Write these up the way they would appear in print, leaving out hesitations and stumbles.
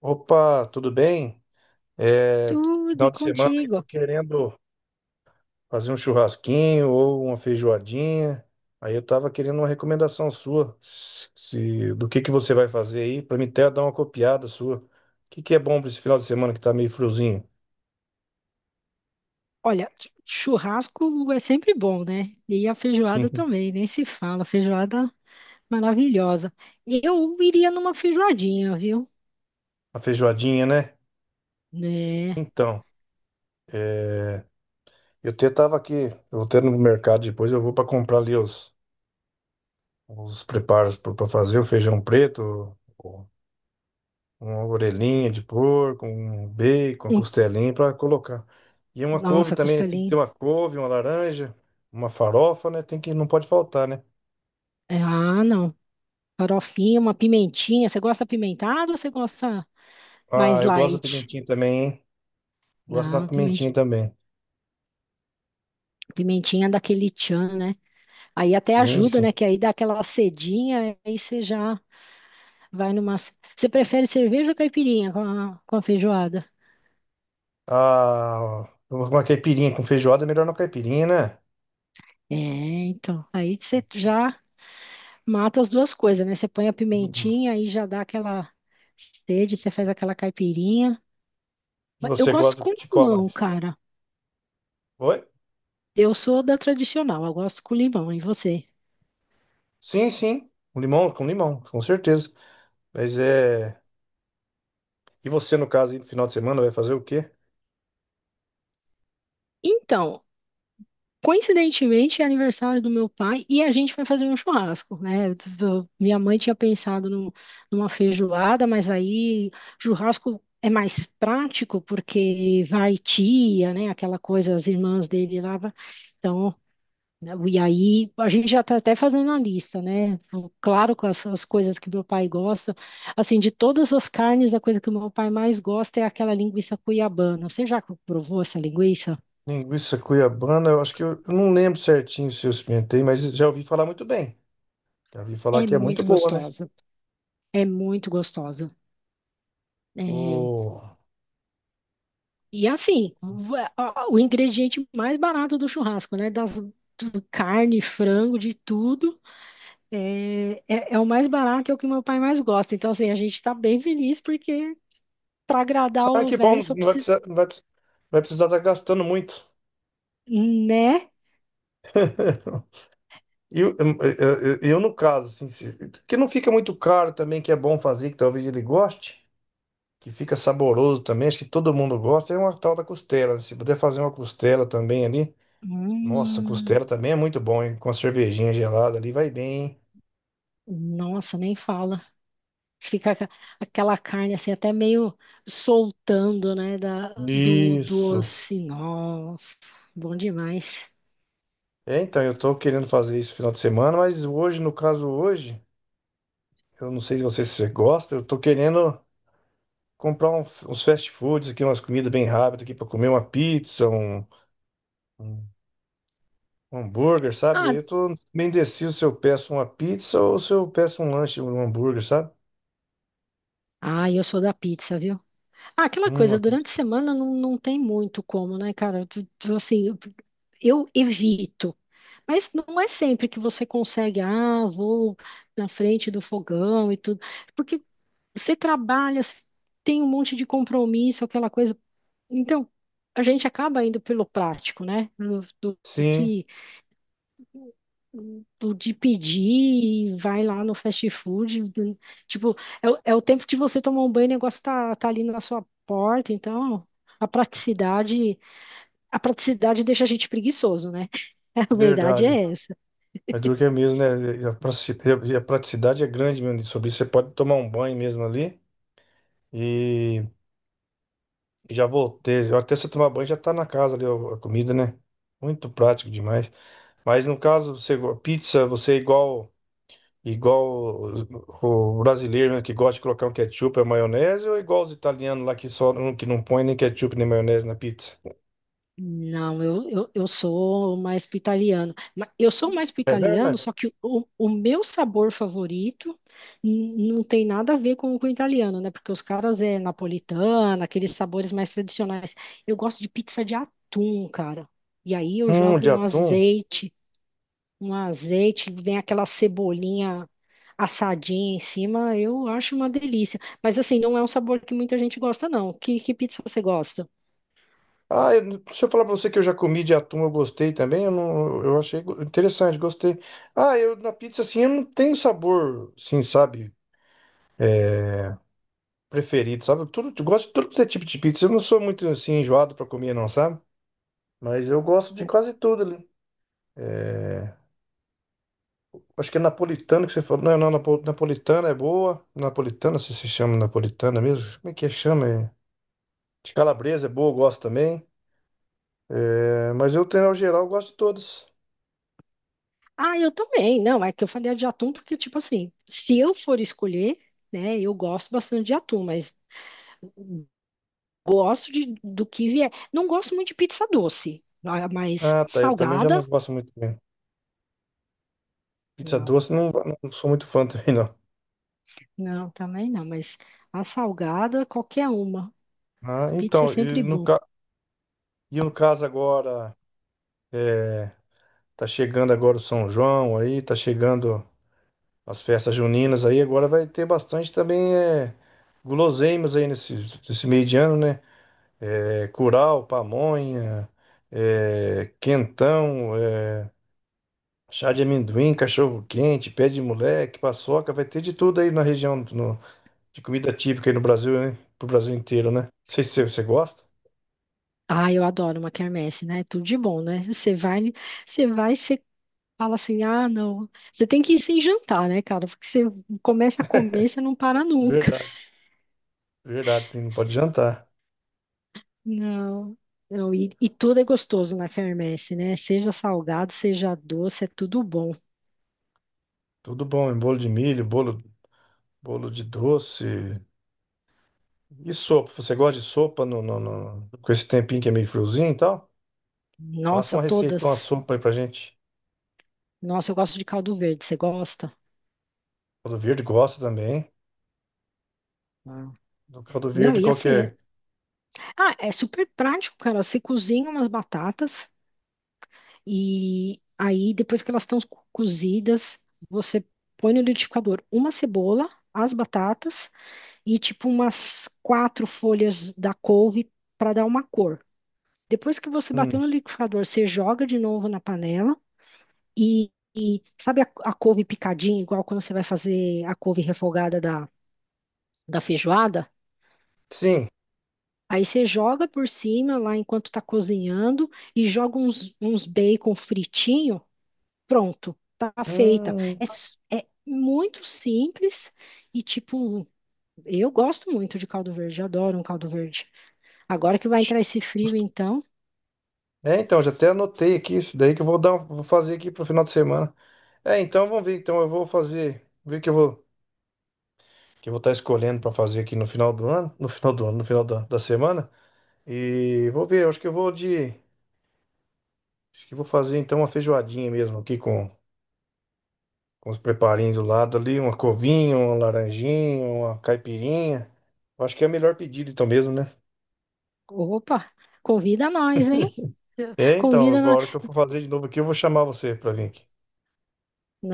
Opa, tudo bem? É, Tudo Final e de semana aí tô contigo. querendo fazer um churrasquinho ou uma feijoadinha. Aí eu tava querendo uma recomendação sua, do que você vai fazer aí, pra mim até dar uma copiada sua. O que que é bom pra esse final de semana que tá meio friozinho? Olha, churrasco é sempre bom, né? E a feijoada Sim, também, nem se fala. Feijoada maravilhosa. Eu iria numa feijoadinha, viu? a feijoadinha, né? Né? Então, eu até tava aqui, eu vou até no mercado depois, eu vou pra comprar ali os preparos pra fazer o feijão preto. Uma orelhinha de porco, um bacon, uma Hum. costelinha para colocar. E uma couve Nossa, também, né? Tem que ter costelinha. uma couve, uma laranja, uma farofa, né? Tem que, não pode faltar, né? É. Ah, não. Farofinha, uma pimentinha. Você gosta pimentada ou você gosta Ah, mais eu gosto da light? pimentinha também, hein? Gosto da Não, pimentinha. pimentinha também. Pimentinha daquele tchan, né? Aí até Sim, ajuda, né? sim. Que aí dá aquela cedinha, aí você já vai numa. Você prefere cerveja ou caipirinha com a feijoada? Ah, uma caipirinha com feijoada, é melhor na caipirinha, né? É, então. Aí você já mata as duas coisas, né? Você põe a pimentinha, aí já dá aquela sede, você faz aquela caipirinha. E Mas eu você gosto gosta com de qual limão, mais? cara. Oi? Eu sou da tradicional, eu gosto com limão. E você? Sim, sim. Com limão, com limão, com certeza. Mas é. E você, no caso, aí, no final de semana, vai fazer o quê? Então, coincidentemente, é aniversário do meu pai e a gente vai fazer um churrasco, né? Minha mãe tinha pensado numa feijoada, mas aí churrasco é mais prático porque vai tia, né? Aquela coisa, as irmãs dele lá. Então, né? E aí a gente já está até fazendo a lista, né? Claro, com as coisas que meu pai gosta. Assim, de todas as carnes, a coisa que o meu pai mais gosta é aquela linguiça cuiabana. Você já provou essa linguiça? Linguiça cuiabana, eu acho que eu não lembro certinho se eu experimentei, mas já ouvi falar muito bem. Já ouvi falar É que é muito muito boa, né? gostosa. É muito gostosa. É. O... E assim, o ingrediente mais barato do churrasco, né? Das do carne, frango, de tudo. É o mais barato, é o que meu pai mais gosta. Então, assim, a gente está bem feliz porque para agradar Ah, o que velho bom, só. não vai precisar, não vai, vai precisar estar gastando muito. Né? Eu, eu, no caso, assim, que não fica muito caro também, que é bom fazer, que talvez ele goste, que fica saboroso também, acho que todo mundo gosta, é uma tal da costela, né? Se puder fazer uma costela também ali, nossa, Hum, costela também é muito bom, hein? Com a cervejinha gelada ali, vai bem, hein? nossa, nem fala. Fica aca- aquela carne assim, até meio soltando, né? Do Isso. osso. Nossa, bom demais. É, então, eu tô querendo fazer isso final de semana, mas hoje, eu não sei se você, se você gosta. Eu tô querendo comprar uns fast foods aqui, umas comidas bem rápidas aqui, pra comer uma pizza, um um hambúrguer, sabe? Daí Ah, eu tô bem indeciso se eu peço uma pizza ou se eu peço um lanche, um hambúrguer, sabe? ah, eu sou da pizza, viu? Ah, aquela coisa, Uma pizza. durante a semana não tem muito como, né, cara? Assim, eu evito. Mas não é sempre que você consegue, ah, vou na frente do fogão e tudo. Porque você trabalha, você tem um monte de compromisso, aquela coisa. Então, a gente acaba indo pelo prático, né? Do, do- do Sim, que do de pedir, e vai lá no fast food, tipo, é, o é o tempo de você tomar um banho, o negócio tá ali na sua porta, então a praticidade, a praticidade deixa a gente preguiçoso, né? A verdade verdade. é essa. Mas duro que é mesmo, né? E a pratici- e a- praticidade é grande mesmo sobre isso. Você pode tomar um banho mesmo ali. E já voltei. Eu até se eu tomar banho já tá na casa ali ó, a comida, né? Muito prático demais. Mas no caso, pizza, você é igual o brasileiro, né, que gosta de colocar um ketchup e maionese, ou é igual os italianos lá que não põe nem ketchup nem maionese na pizza? Não, eu sou mais pro italiano. Eu sou mais pro É italiano, verdade. só que o meu sabor favorito não tem nada a ver com o italiano, né? Porque os caras é napolitana, aqueles sabores mais tradicionais. Eu gosto de pizza de atum, cara. E aí eu jogo De um atum. azeite, vem aquela cebolinha assadinha em cima, eu acho uma delícia. Mas assim, não é um sabor que muita gente gosta, não. Que pizza você gosta? Ah, eu, se eu falar pra você que eu já comi de atum, eu gostei também. Eu, não, eu achei interessante, gostei. Ah, eu na pizza assim, eu não tenho sabor, assim, sabe? É, preferido, sabe? Tudo, eu gosto de tudo que é tipo de pizza. Eu não sou muito assim enjoado pra comer, não, sabe? Mas eu gosto de quase tudo ali. É, acho que é napolitana que você falou. Não, não, napolitana é boa. Napolitana, se chama napolitana mesmo. Como é que é? Chama? É... De calabresa é boa, eu gosto também. É, mas eu, tenho, ao geral, eu gosto de todas. Ah, eu também. Não, é que eu falei de atum porque, tipo assim, se eu for escolher, né, eu gosto bastante de atum, mas gosto do que vier. Não gosto muito de pizza doce, ah, mas Ah, tá. Eu também já não salgada, gosto muito, né? Pizza não. doce, não, não sou muito fã também, não. Não, também não, mas a salgada, qualquer uma. Ah, Pizza é então, sempre bom. E no caso agora, é, tá chegando agora o São João aí, tá chegando. As festas juninas aí agora vai ter bastante também, é, guloseimas aí nesse, nesse meio de ano, né? É, curau, pamonha, é, quentão, é, chá de amendoim, cachorro quente, pé de moleque, paçoca, vai ter de tudo aí na região de comida típica aí no Brasil, né? Pro Brasil inteiro, né? Não sei se você gosta. Ah, eu adoro uma quermesse, né? É tudo de bom, né? Você fala assim: ah, não, você tem que ir sem jantar, né, cara? Porque você começa a comer, você não para nunca. Verdade. Verdade, não pode jantar. Não, não, e tudo é gostoso na quermesse, né? Seja salgado, seja doce, é tudo bom. Tudo bom, hein? Bolo de milho, bolo, bolo de doce. E sopa? Você gosta de sopa com esse tempinho que é meio friozinho e tal? Passa Nossa, uma receita, uma todas. sopa aí pra gente. Nossa, eu gosto de caldo verde, você gosta? Caldo verde gosta também. Ah. Do caldo Não, verde e assim, é, qualquer. ah, é super prático, cara. Você cozinha umas batatas e aí depois que elas estão cozidas, você põe no liquidificador uma cebola, as batatas e tipo umas quatro folhas da couve para dar uma cor. Depois que você bateu Hum. no liquidificador, você joga de novo na panela e sabe a couve picadinha, igual quando você vai fazer a couve refogada da feijoada? Sim. Aí você joga por cima lá enquanto tá cozinhando e joga uns bacon fritinho, pronto, tá feita. Hum. É, é muito simples e tipo, eu gosto muito de caldo verde, adoro um caldo verde. Agora que vai entrar esse frio, então, É, então, já até anotei aqui isso daí que vou fazer aqui pro final de semana. É, então vamos ver. Então eu vou fazer, ver que eu vou estar escolhendo pra fazer aqui no final do ano, no final do ano, no final da, da semana. E vou ver, eu acho que eu vou de, acho que eu vou fazer então uma feijoadinha mesmo aqui com os preparinhos do lado ali, uma covinha, uma laranjinha, uma caipirinha. Eu acho que é o melhor pedido então mesmo, né? opa, convida nós, hein? É, então, Convida nós. agora que eu for fazer de novo aqui, eu vou chamar você pra vir aqui.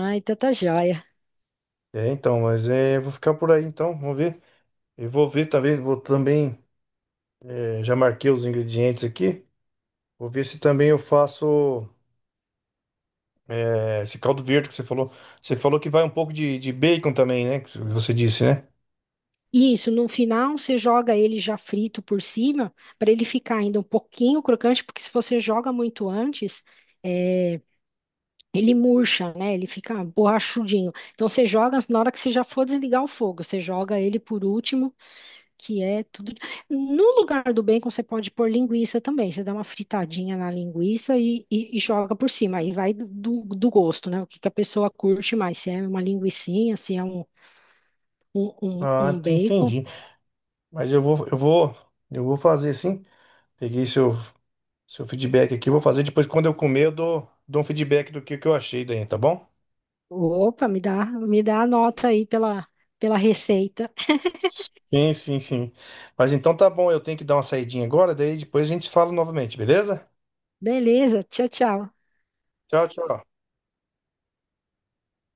Ai, tanta joia. É, então, mas é, eu vou ficar por aí então, vamos ver. Eu vou ver também, vou também, é, já marquei os ingredientes aqui. Vou ver se também eu faço, é, esse caldo verde que você falou. Você falou que vai um pouco de bacon também, né? Que você disse, né? Isso, no final você joga ele já frito por cima, para ele ficar ainda um pouquinho crocante, porque se você joga muito antes, é, ele murcha, né? Ele fica borrachudinho. Então você joga na hora que você já for desligar o fogo, você joga ele por último que é tudo. No lugar do bacon, você pode pôr linguiça também. Você dá uma fritadinha na linguiça e joga por cima. Aí vai gosto, né? O que que a pessoa curte mais. Se é uma linguicinha, se é Ah, um bacon. entendi. Mas eu vou, eu vou, eu vou fazer sim. Peguei seu, seu feedback aqui, eu vou fazer. Depois, quando eu comer, eu dou um feedback do que eu achei daí, tá bom? Opa, me dá a nota aí pela, pela receita. Sim, sim, sim. Mas então tá bom, eu tenho que dar uma saidinha agora, daí depois a gente fala novamente, beleza? Beleza, tchau, tchau. Tchau, tchau.